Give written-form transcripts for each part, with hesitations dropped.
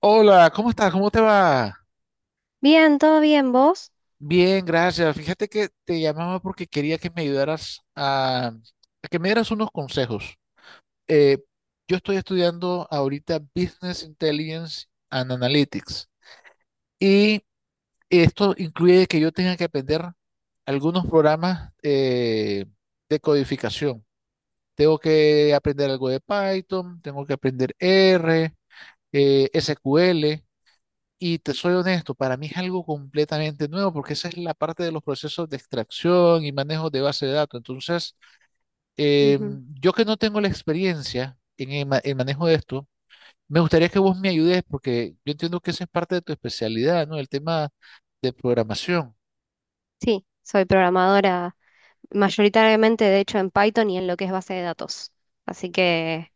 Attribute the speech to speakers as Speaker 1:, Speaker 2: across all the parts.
Speaker 1: Hola, ¿cómo estás? ¿Cómo te va?
Speaker 2: Bien, todo bien, ¿vos?
Speaker 1: Bien, gracias. Fíjate que te llamaba porque quería que me ayudaras a que me dieras unos consejos. Eh, yo estoy estudiando ahorita Business Intelligence and Analytics y esto incluye que yo tenga que aprender algunos programas de codificación. Tengo que aprender algo de Python, tengo que aprender R, SQL. Y te soy honesto, para mí es algo completamente nuevo porque esa es la parte de los procesos de extracción y manejo de base de datos. Entonces, eh,
Speaker 2: Ujú.
Speaker 1: yo que no tengo la experiencia en el manejo de esto, me gustaría que vos me ayudes porque yo entiendo que esa es parte de tu especialidad, ¿no? El tema de programación.
Speaker 2: Sí, soy programadora mayoritariamente, de hecho, en Python y en lo que es base de datos. Así que,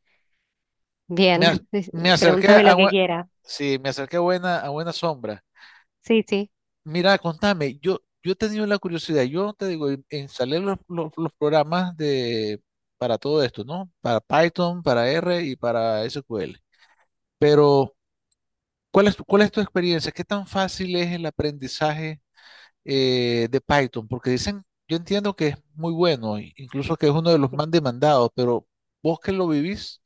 Speaker 1: Me, a-
Speaker 2: bien,
Speaker 1: me acerqué
Speaker 2: pregúntame lo que quieras.
Speaker 1: sí, me acerqué a a buena sombra.
Speaker 2: Sí, sí.
Speaker 1: Mira, contame, yo he tenido la curiosidad, yo te digo, instalé los programas de, para todo esto, ¿no? Para Python, para R y para SQL. Pero, ¿cuál cuál es tu experiencia? ¿Qué tan fácil es el aprendizaje de Python? Porque dicen, yo entiendo que es muy bueno, incluso que es uno de los más demandados, pero vos que lo vivís,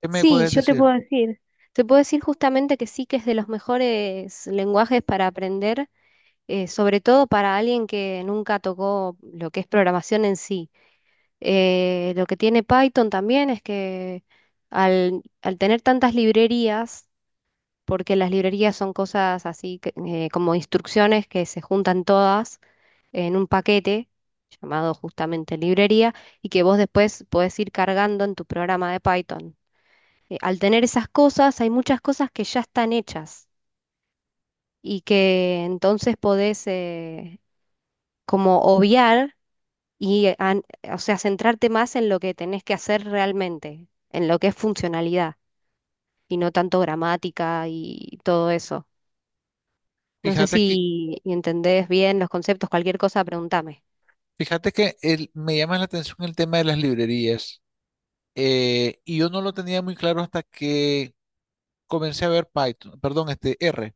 Speaker 1: ¿qué me
Speaker 2: Sí,
Speaker 1: puedes
Speaker 2: yo te
Speaker 1: decir?
Speaker 2: puedo decir. Te puedo decir justamente que sí, que es de los mejores lenguajes para aprender, sobre todo para alguien que nunca tocó lo que es programación en sí. Lo que tiene Python también es que al tener tantas librerías, porque las librerías son cosas como instrucciones que se juntan todas en un paquete llamado justamente librería, y que vos después podés ir cargando en tu programa de Python. Al tener esas cosas, hay muchas cosas que ya están hechas y que entonces podés como obviar y, o sea, centrarte más en lo que tenés que hacer realmente, en lo que es funcionalidad, y no tanto gramática y todo eso. No sé
Speaker 1: Fíjate que,
Speaker 2: si entendés bien los conceptos, cualquier cosa, pregúntame.
Speaker 1: fíjate que me llama la atención el tema de las librerías. Y yo no lo tenía muy claro hasta que comencé a ver Python, perdón, este R.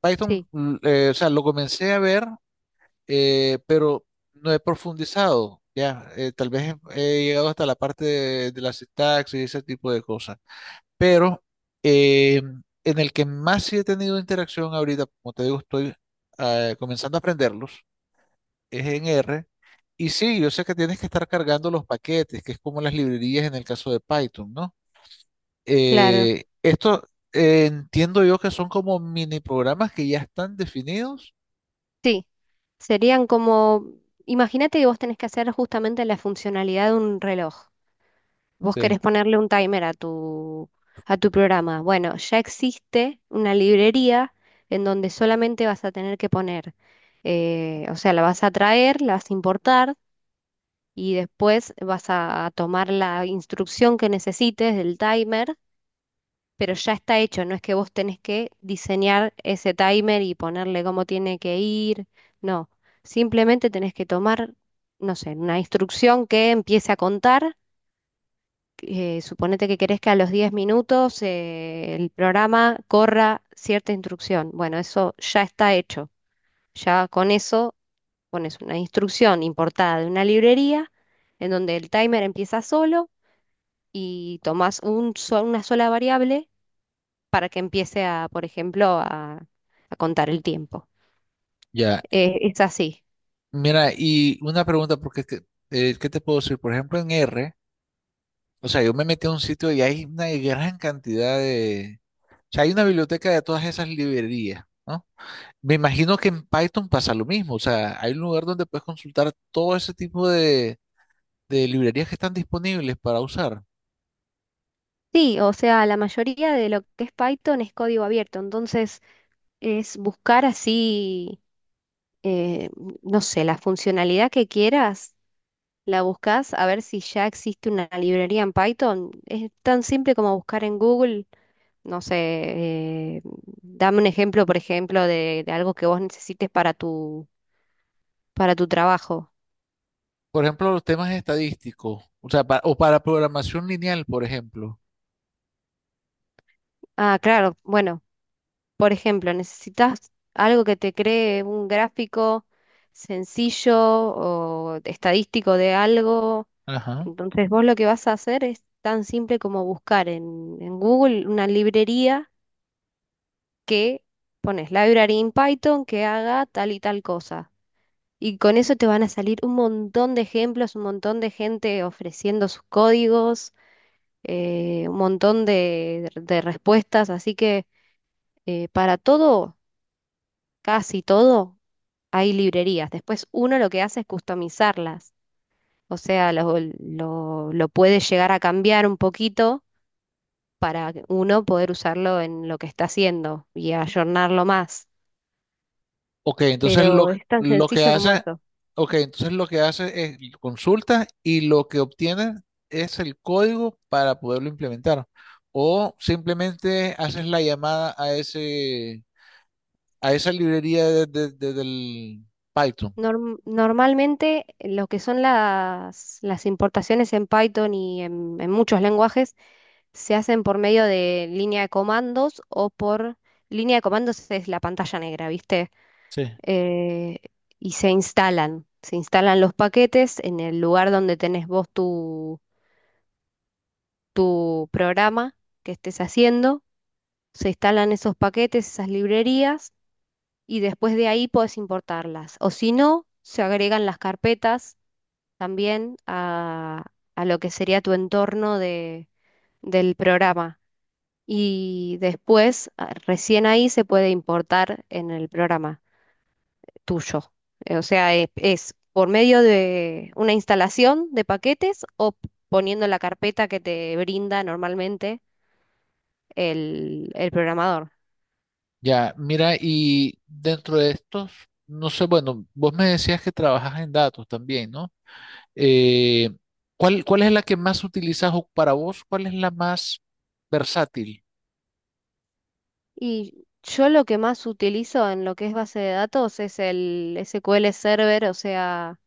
Speaker 1: Python,
Speaker 2: Sí,
Speaker 1: o sea, lo comencé a ver, pero no he profundizado. Ya. Tal vez he llegado hasta la parte de la sintaxis y ese tipo de cosas. Pero eh, en el que más sí he tenido interacción ahorita, como te digo, estoy comenzando a aprenderlos, es en R. Y sí, yo sé que tienes que estar cargando los paquetes, que es como las librerías en el caso de Python, ¿no?
Speaker 2: claro.
Speaker 1: Esto entiendo yo que son como mini programas que ya están definidos.
Speaker 2: Sí, serían como, imagínate que vos tenés que hacer justamente la funcionalidad de un reloj. Vos
Speaker 1: Sí.
Speaker 2: querés ponerle un timer a a tu programa. Bueno, ya existe una librería en donde solamente vas a tener que poner, o sea, la vas a traer, la vas a importar, y después vas a tomar la instrucción que necesites del timer, pero ya está hecho. No es que vos tenés que diseñar ese timer y ponerle cómo tiene que ir. No, simplemente tenés que tomar, no sé, una instrucción que empiece a contar. Suponete que querés que a los 10 minutos el programa corra cierta instrucción. Bueno, eso ya está hecho. Ya con eso pones una instrucción importada de una librería en donde el timer empieza solo, y tomás un una sola variable para que empiece a, por ejemplo, a contar el tiempo.
Speaker 1: Ya.
Speaker 2: Es así.
Speaker 1: Mira, y una pregunta, porque es que, ¿qué te puedo decir? Por ejemplo, en R, o sea, yo me metí a un sitio y hay una gran cantidad de... O sea, hay una biblioteca de todas esas librerías, ¿no? Me imagino que en Python pasa lo mismo, o sea, hay un lugar donde puedes consultar todo ese tipo de librerías que están disponibles para usar.
Speaker 2: Sí, o sea, la mayoría de lo que es Python es código abierto. Entonces es buscar así, eh, no sé, la funcionalidad que quieras, la buscas a ver si ya existe una librería en Python. Es tan simple como buscar en Google, no sé, eh, dame un ejemplo, por ejemplo, de algo que vos necesites para tu trabajo.
Speaker 1: Por ejemplo, los temas estadísticos, o sea, o para programación lineal, por ejemplo.
Speaker 2: Ah, claro, bueno. Por ejemplo, necesitas algo que te cree un gráfico sencillo o estadístico de algo.
Speaker 1: Ajá.
Speaker 2: Entonces vos lo que vas a hacer es tan simple como buscar en Google una librería que pones library in Python que haga tal y tal cosa. Y con eso te van a salir un montón de ejemplos, un montón de gente ofreciendo sus códigos, un montón de respuestas. Así que para todo, casi todo, hay librerías. Después uno lo que hace es customizarlas, o sea, lo puede llegar a cambiar un poquito para que uno poder usarlo en lo que está haciendo y ayornarlo más.
Speaker 1: Ok, entonces
Speaker 2: Pero es tan
Speaker 1: lo que
Speaker 2: sencillo como
Speaker 1: hace,
Speaker 2: eso.
Speaker 1: ok, entonces lo que hace es consulta y lo que obtiene es el código para poderlo implementar. O simplemente haces la llamada a ese, a esa librería del Python.
Speaker 2: Normalmente lo que son las importaciones en Python y en muchos lenguajes, se hacen por medio de línea de comandos, o por línea de comandos es la pantalla negra, ¿viste?
Speaker 1: Sí.
Speaker 2: eh, y se instalan. Se instalan los paquetes en el lugar donde tenés vos tu, tu programa que estés haciendo. Se instalan esos paquetes, esas librerías, y después de ahí podés importarlas. O si no, se agregan las carpetas también a lo que sería tu entorno de, del programa. Y después, recién ahí se puede importar en el programa tuyo. O sea, es por medio de una instalación de paquetes o poniendo la carpeta que te brinda normalmente el programador.
Speaker 1: Ya, mira, y dentro de estos, no sé, bueno, vos me decías que trabajas en datos también, ¿no? Eh, ¿Cuál, cuál es la que más utilizas o para vos? ¿Cuál es la más versátil?
Speaker 2: Y yo lo que más utilizo en lo que es base de datos es el SQL Server. O sea,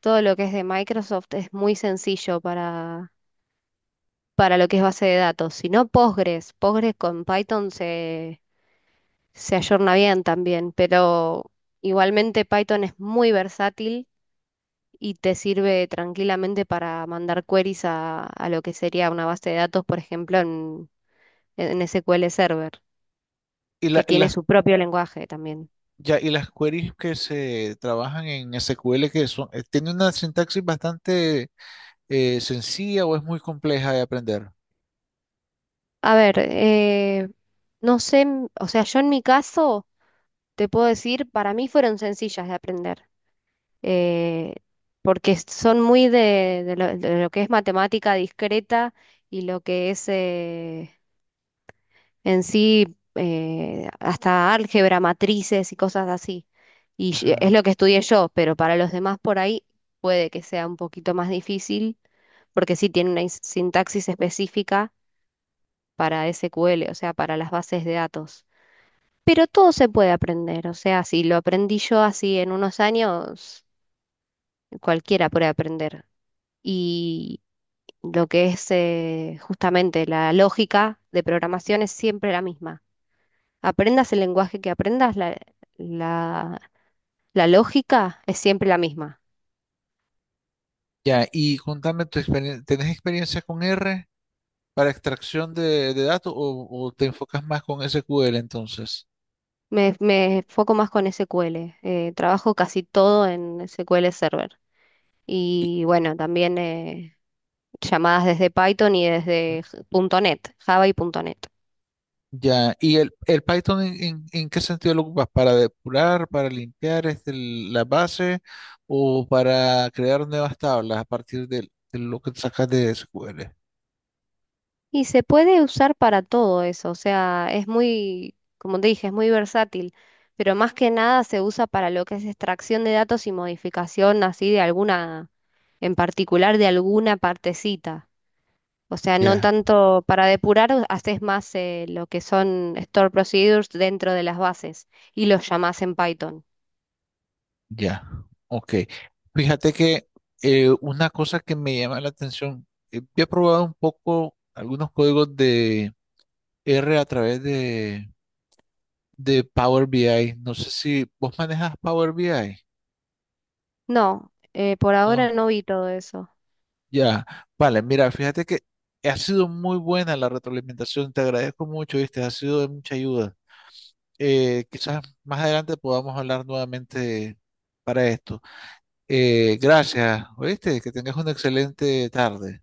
Speaker 2: todo lo que es de Microsoft es muy sencillo para lo que es base de datos. Si no, Postgres. Postgres con Python se, se ayorna bien también, pero igualmente Python es muy versátil y te sirve tranquilamente para mandar queries a lo que sería una base de datos, por ejemplo, en SQL Server,
Speaker 1: Y,
Speaker 2: que
Speaker 1: y
Speaker 2: tiene
Speaker 1: las,
Speaker 2: su propio lenguaje también.
Speaker 1: ya, y las queries que se trabajan en SQL que son, tiene una sintaxis bastante sencilla o es muy compleja de aprender.
Speaker 2: A ver, no sé, o sea, yo en mi caso te puedo decir, para mí fueron sencillas de aprender, eh, porque son muy de lo que es matemática discreta y lo que es... en sí, hasta álgebra, matrices y cosas así. Y es
Speaker 1: Ajá.
Speaker 2: lo que estudié yo, pero para los demás por ahí puede que sea un poquito más difícil, porque sí tiene una sintaxis específica para SQL, o sea, para las bases de datos. Pero todo se puede aprender, o sea, si lo aprendí yo así en unos años, cualquiera puede aprender. Y lo que es justamente la lógica de programación es siempre la misma. Aprendas el lenguaje que aprendas, la- la lógica es siempre la misma.
Speaker 1: Ya, y contame tu experiencia, ¿tenés experiencia con R para extracción de datos o te enfocas más con SQL entonces?
Speaker 2: Me foco más con SQL. Trabajo casi todo en SQL Server. Y bueno, también llamadas desde Python y desde punto .NET, Java y punto .NET.
Speaker 1: Ya, ¿y el Python en, en qué sentido lo ocupas? ¿Para depurar, para limpiar este, la base o para crear nuevas tablas a partir lo que sacas de SQL?
Speaker 2: Y se puede usar para todo eso. O sea, es muy, como te dije, es muy versátil. Pero más que nada se usa para lo que es extracción de datos y modificación así de alguna, en particular de alguna partecita. O sea, no
Speaker 1: Ya,
Speaker 2: tanto para depurar, haces más lo que son store procedures dentro de las bases, y los llamás en Python.
Speaker 1: ya, ok. Fíjate que una cosa que me llama la atención, yo he probado un poco algunos códigos de R a través de Power BI. No sé si vos manejas Power BI,
Speaker 2: No, por ahora
Speaker 1: ¿no?
Speaker 2: no vi todo eso.
Speaker 1: Ya, vale, mira, fíjate que ha sido muy buena la retroalimentación, te agradezco mucho, viste, ha sido de mucha ayuda. Quizás más adelante podamos hablar nuevamente para esto. Gracias, oíste, que tengas una excelente tarde,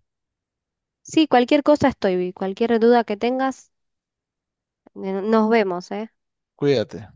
Speaker 2: Sí, cualquier cosa estoy, cualquier duda que tengas, nos vemos, ¿eh?
Speaker 1: cuídate.